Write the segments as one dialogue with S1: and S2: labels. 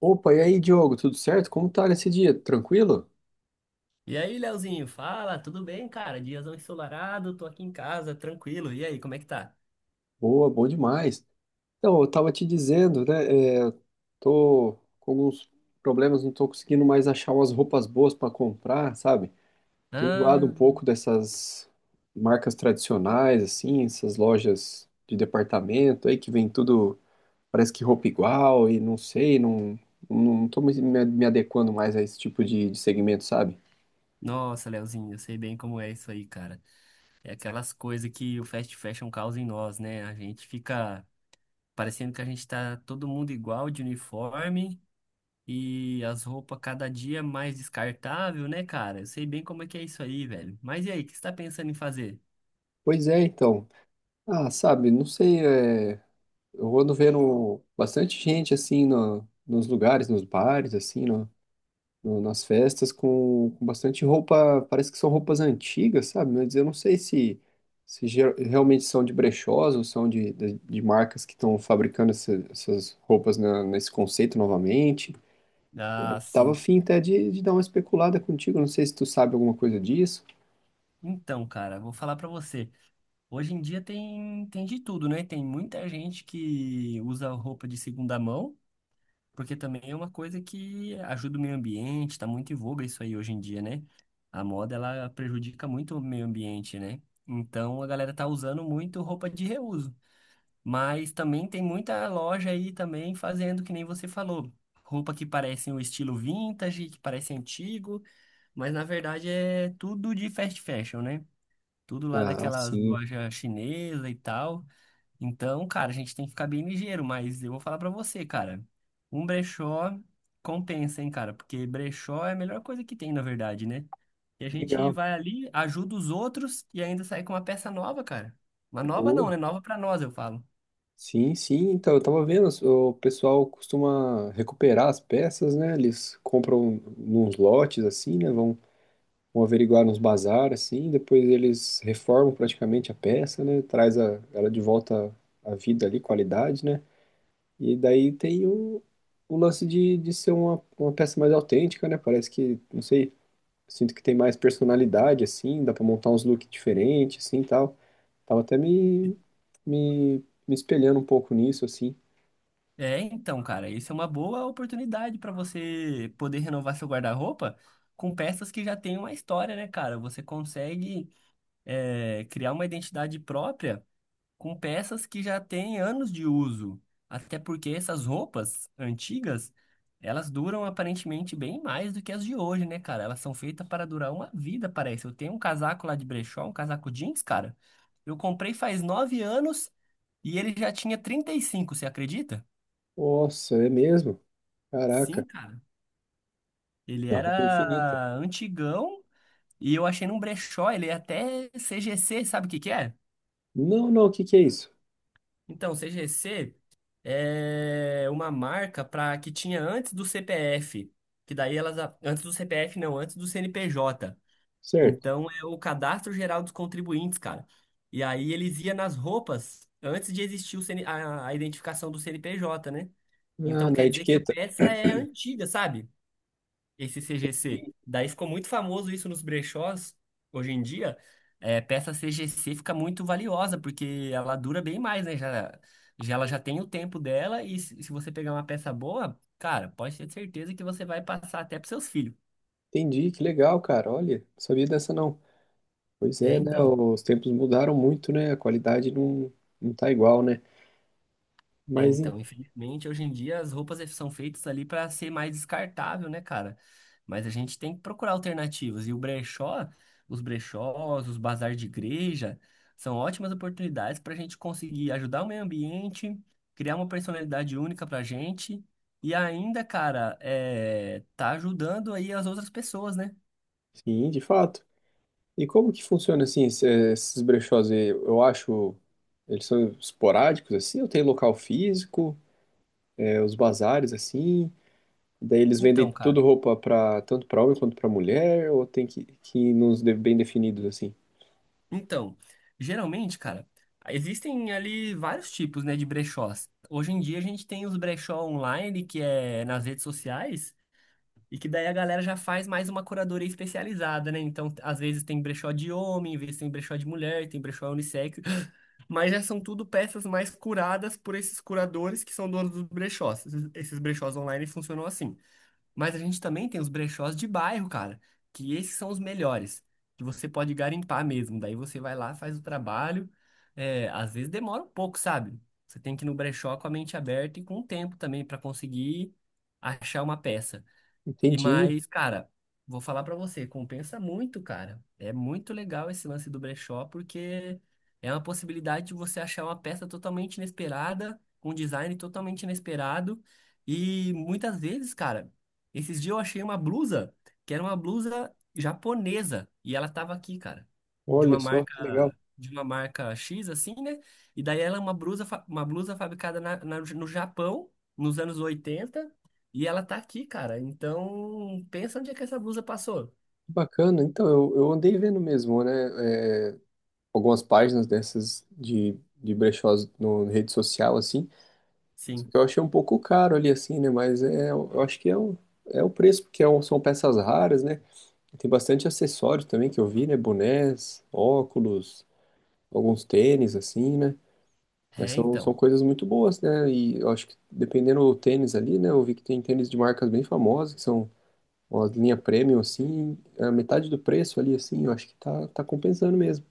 S1: Opa, e aí, Diogo, tudo certo? Como tá nesse dia? Tranquilo?
S2: E aí, Leozinho, fala, tudo bem, cara? Diazão ensolarado, tô aqui em casa, tranquilo. E aí, como é que tá?
S1: Boa, bom demais. Então, eu tava te dizendo, né? Tô com alguns problemas, não tô conseguindo mais achar umas roupas boas para comprar, sabe? Tô enjoado um
S2: Ah,
S1: pouco dessas marcas tradicionais, assim, essas lojas de departamento aí que vem tudo, parece que roupa igual e não sei, não, não tô me adequando mais a esse tipo de segmento, sabe?
S2: nossa, Leozinho, eu sei bem como é isso aí, cara. É aquelas coisas que o fast fashion causa em nós, né? A gente fica parecendo que a gente tá todo mundo igual de uniforme e as roupas cada dia mais descartável, né, cara? Eu sei bem como é que é isso aí, velho. Mas e aí, o que você tá pensando em fazer?
S1: Pois é, então. Ah, sabe, não sei, Eu ando vendo bastante gente assim no, nos lugares, nos bares, assim, nas festas, com bastante roupa, parece que são roupas antigas, sabe? Mas eu não sei se, realmente são de brechós ou são de marcas que estão fabricando essas roupas nesse conceito novamente.
S2: Ah,
S1: Tava
S2: sim.
S1: afim até de dar uma especulada contigo, não sei se tu sabe alguma coisa disso.
S2: Então, cara, vou falar pra você. Hoje em dia tem de tudo, né? Tem muita gente que usa roupa de segunda mão, porque também é uma coisa que ajuda o meio ambiente, tá muito em voga isso aí hoje em dia, né? A moda, ela prejudica muito o meio ambiente, né? Então a galera tá usando muito roupa de reuso. Mas também tem muita loja aí também fazendo, que nem você falou, roupa que parece um estilo vintage, que parece antigo, mas na verdade é tudo de fast fashion, né? Tudo lá
S1: Ah,
S2: daquelas
S1: sim.
S2: lojas chinesas e tal. Então, cara, a gente tem que ficar bem ligeiro, mas eu vou falar pra você, cara. Um brechó compensa, hein, cara? Porque brechó é a melhor coisa que tem, na verdade, né? E a gente
S1: Legal.
S2: vai ali, ajuda os outros e ainda sai com uma peça nova, cara. Uma nova não,
S1: Pô,
S2: né? Nova pra nós, eu falo.
S1: sim, sim. Então, eu tava vendo, o pessoal costuma recuperar as peças, né? Eles compram nos lotes, assim, né? Vão averiguar nos bazar, assim. Depois eles reformam praticamente a peça, né? Traz a, ela de volta à vida ali, qualidade, né? E daí tem o lance de ser uma peça mais autêntica, né? Parece que, não sei, sinto que tem mais personalidade, assim. Dá pra montar uns looks diferentes, assim, e tal. Tava até me, me espelhando um pouco nisso, assim.
S2: É, então, cara, isso é uma boa oportunidade pra você poder renovar seu guarda-roupa com peças que já têm uma história, né, cara? Você consegue, é, criar uma identidade própria com peças que já têm anos de uso. Até porque essas roupas antigas, elas duram aparentemente bem mais do que as de hoje, né, cara? Elas são feitas para durar uma vida, parece. Eu tenho um casaco lá de brechó, um casaco jeans, cara. Eu comprei faz 9 anos e ele já tinha 35, você acredita?
S1: Nossa, é mesmo?
S2: Sim,
S1: Caraca,
S2: cara. Ele
S1: a roupa é infinita.
S2: era antigão e eu achei num brechó, ele é até CGC, sabe o que que é?
S1: Não, não, o que que é isso?
S2: Então, CGC é uma marca para que tinha antes do CPF, que daí antes do CPF não, antes do CNPJ.
S1: Certo.
S2: Então é o Cadastro Geral dos Contribuintes, cara. E aí eles iam nas roupas antes de existir o a identificação do CNPJ, né?
S1: Ah,
S2: Então
S1: na
S2: quer dizer que a
S1: etiqueta.
S2: peça é antiga, sabe? Esse CGC. Daí ficou muito famoso isso nos brechós. Hoje em dia, é, peça CGC fica muito valiosa, porque ela dura bem mais, né? Já ela já tem o tempo dela, e se você pegar uma peça boa, cara, pode ter certeza que você vai passar até pros seus filhos.
S1: Entendi, que legal, cara. Olha, não sabia dessa não. Pois
S2: É,
S1: é, né?
S2: então.
S1: Os tempos mudaram muito, né? A qualidade não, não tá igual, né?
S2: É,
S1: Mas,
S2: então, infelizmente, hoje em dia as roupas é, são feitas ali para ser mais descartável, né, cara? Mas a gente tem que procurar alternativas. E o brechó, os brechós, os bazar de igreja, são ótimas oportunidades para a gente conseguir ajudar o meio ambiente, criar uma personalidade única para a gente e ainda, cara, é, tá ajudando aí as outras pessoas, né?
S1: enfim, de fato. E como que funciona, assim, esses brechós? Aí? Eu acho, eles são esporádicos, assim, ou tem local físico, é, os bazares, assim? Daí eles vendem
S2: Então,
S1: tudo
S2: cara.
S1: roupa para tanto para homem quanto para mulher, ou tem que ir nos bem definidos assim.
S2: Então, geralmente, cara, existem ali vários tipos, né, de brechós. Hoje em dia a gente tem os brechó online, que é nas redes sociais, e que daí a galera já faz mais uma curadoria especializada, né? Então, às vezes tem brechó de homem, às vezes tem brechó de mulher, tem brechó unissex, mas já são tudo peças mais curadas por esses curadores que são donos dos brechós. Esses brechós online funcionam assim. Mas a gente também tem os brechós de bairro, cara, que esses são os melhores, que você pode garimpar mesmo. Daí você vai lá, faz o trabalho. É, às vezes demora um pouco, sabe? Você tem que ir no brechó com a mente aberta e com o tempo também para conseguir achar uma peça. E
S1: Entendi.
S2: mais, cara, vou falar pra você, compensa muito, cara. É muito legal esse lance do brechó, porque é uma possibilidade de você achar uma peça totalmente inesperada, com um design totalmente inesperado. E muitas vezes, cara, esses dias eu achei uma blusa, que era uma blusa japonesa, e ela tava aqui, cara, de uma
S1: Olha só,
S2: marca,
S1: que legal.
S2: de uma marca X, assim, né? E daí ela é uma blusa, uma blusa fabricada no Japão, nos anos 80, e ela tá aqui, cara. Então, pensa onde é que essa blusa passou.
S1: Que bacana. Então, eu andei vendo mesmo, né, algumas páginas dessas de brechós no, na rede social assim. Só
S2: Sim.
S1: que eu achei um pouco caro ali assim, né, mas é eu acho que é é o preço, porque é são peças raras, né? Tem bastante acessórios também que eu vi, né, bonés, óculos, alguns tênis assim, né? Mas
S2: É,
S1: são, são
S2: então.
S1: coisas muito boas, né? E eu acho que dependendo do tênis ali, né? Eu vi que tem tênis de marcas bem famosas, que são uma linha premium, assim, a metade do preço ali, assim, eu acho que tá, tá compensando mesmo.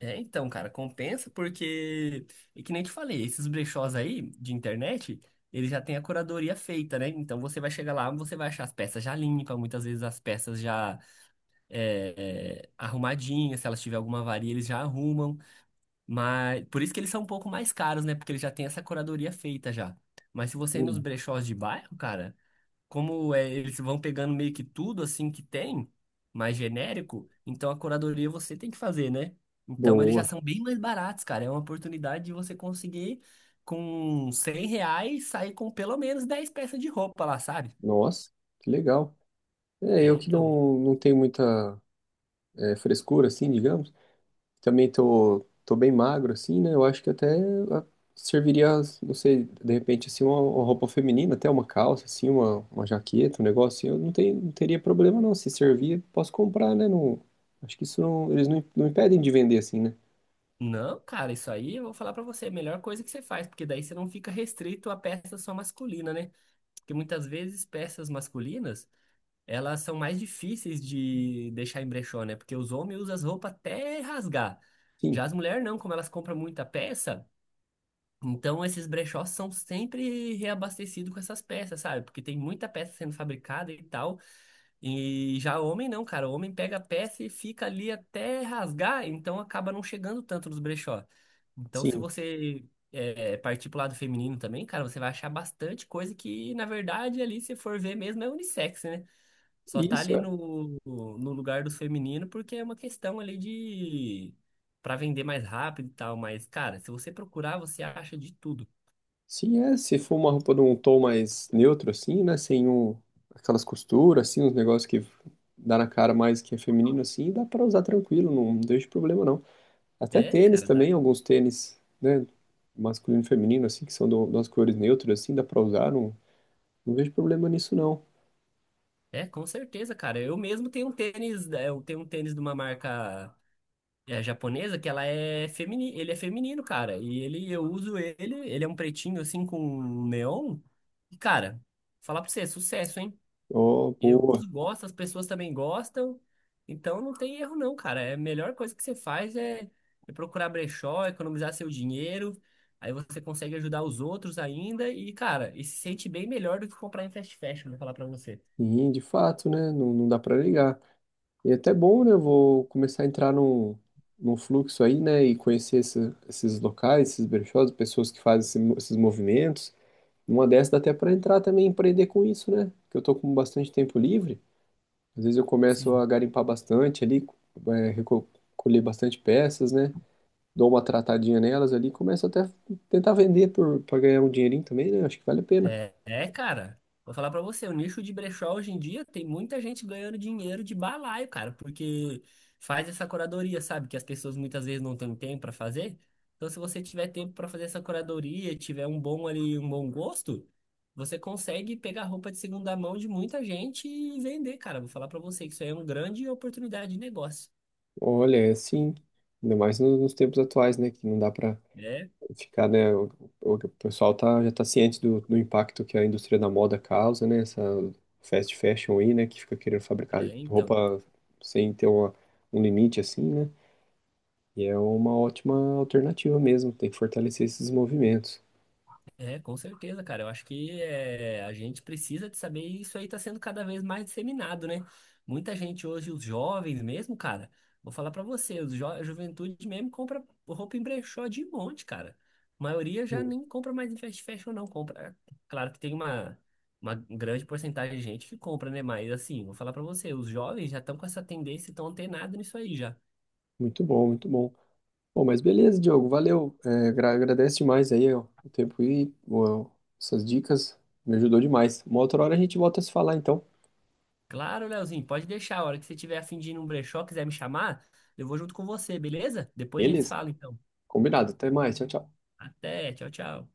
S2: É, então, cara, compensa porque, é que nem eu te falei, esses brechós aí de internet, eles já têm a curadoria feita, né? Então você vai chegar lá, você vai achar as peças já limpas, muitas vezes as peças já arrumadinhas, se elas tiver alguma avaria, eles já arrumam. Mas por isso que eles são um pouco mais caros, né? Porque eles já têm essa curadoria feita já. Mas se você ir nos
S1: Entendi.
S2: brechós de bairro, cara. Como é, eles vão pegando meio que tudo assim que tem, mais genérico, então a curadoria você tem que fazer, né? Então eles já
S1: Boa.
S2: são bem mais baratos, cara. É uma oportunidade de você conseguir com R$ 100 sair com pelo menos 10 peças de roupa lá, sabe?
S1: Nossa, que legal. É,
S2: É,
S1: eu que
S2: então.
S1: não, não tenho muita, frescura, assim, digamos. Também tô, tô bem magro, assim, né? Eu acho que até ah, serviria, não sei, de repente, assim, uma roupa feminina, até uma calça, assim, uma jaqueta, um negócio assim. Eu não, tenho, não teria problema, não. Se servir, posso comprar, né? Não, acho que isso não, eles não, não impedem de vender, assim, né?
S2: Não, cara, isso aí eu vou falar pra você, é a melhor coisa que você faz, porque daí você não fica restrito a peça só masculina, né? Porque muitas vezes peças masculinas elas são mais difíceis de deixar em brechó, né? Porque os homens usam as roupas até rasgar.
S1: Sim,
S2: Já as mulheres não, como elas compram muita peça, então esses brechós são sempre reabastecidos com essas peças, sabe? Porque tem muita peça sendo fabricada e tal. E já o homem não, cara. O homem pega a peça e fica ali até rasgar, então acaba não chegando tanto nos brechó. Então, se
S1: sim.
S2: você é, partir pro lado feminino também, cara, você vai achar bastante coisa que, na verdade, ali, se for ver mesmo, é unissex, né? Só tá
S1: Isso,
S2: ali
S1: é.
S2: no, no lugar do feminino porque é uma questão ali de para vender mais rápido e tal, mas cara, se você procurar, você acha de tudo.
S1: Sim, é. Se for uma roupa de um tom mais neutro, assim, né? Sem um, aquelas costuras, assim, uns negócios que dá na cara mais que é feminino, assim, dá pra usar tranquilo, não deixa problema, não. Até
S2: É,
S1: tênis
S2: cara, dá.
S1: também, alguns tênis, né? Masculino e feminino, assim, que são das cores neutras, assim, dá pra usar. Não, não vejo problema nisso, não.
S2: É, com certeza, cara. Eu mesmo tenho um tênis, é, eu tenho um tênis de uma marca é, japonesa que ela é feminino, ele é feminino, cara. E ele eu uso ele, ele é um pretinho assim com neon. E cara, falar pra você, é sucesso, hein?
S1: Ó,
S2: Eu
S1: boa.
S2: uso, gosto, as pessoas também gostam. Então não tem erro não, cara. É a melhor coisa que você faz é, é procurar brechó, economizar seu dinheiro. Aí você consegue ajudar os outros ainda e, cara, e se sente bem melhor do que comprar em fast fashion, vou falar pra você.
S1: Sim, de fato, né? Não, não dá pra negar. E é até bom, né? Eu vou começar a entrar num, num fluxo aí, né? E conhecer esses locais, esses brechós, pessoas que fazem esses movimentos. Numa dessas dá até pra entrar também e empreender com isso, né? Porque eu tô com bastante tempo livre. Às vezes eu começo
S2: Sim.
S1: a garimpar bastante ali, recolher bastante peças, né? Dou uma tratadinha nelas ali, começo até a tentar vender para ganhar um dinheirinho também, né? Acho que vale a pena.
S2: É, cara. Vou falar pra você, o nicho de brechó hoje em dia tem muita gente ganhando dinheiro de balaio, cara, porque faz essa curadoria, sabe? Que as pessoas muitas vezes não têm tempo pra fazer. Então, se você tiver tempo pra fazer essa curadoria, tiver um bom ali, um bom gosto, você consegue pegar roupa de segunda mão de muita gente e vender, cara. Vou falar pra você que isso aí é uma grande oportunidade de negócio.
S1: Olha, é assim, ainda mais nos tempos atuais, né? Que não dá para
S2: É,
S1: ficar, né? O, o pessoal tá, já tá ciente do impacto que a indústria da moda causa, né? Essa fast fashion aí, né? Que fica querendo fabricar
S2: é, então.
S1: roupa sem ter uma, um limite assim, né? E é uma ótima alternativa mesmo, tem que fortalecer esses movimentos.
S2: É, com certeza, cara. Eu acho que é, a gente precisa de saber e isso aí está sendo cada vez mais disseminado, né? Muita gente hoje, os jovens mesmo, cara, vou falar pra você, os jo a juventude mesmo compra roupa em brechó de monte, cara. A maioria já nem compra mais em fast fashion, não. Compra. Claro que tem uma grande porcentagem de gente que compra, né? Mas assim, vou falar pra você, os jovens já estão com essa tendência, estão antenados nisso aí já.
S1: Muito bom, muito bom. Bom, mas beleza, Diogo, valeu. É, agradece demais aí, ó, o tempo e ó, essas dicas. Me ajudou demais. Uma outra hora a gente volta a se falar, então.
S2: Claro, Leozinho, pode deixar. A hora que você tiver a fim de ir num brechó, quiser me chamar, eu vou junto com você, beleza? Depois a gente se
S1: Beleza?
S2: fala, então.
S1: Combinado. Até mais. Tchau, tchau.
S2: Até, tchau, tchau.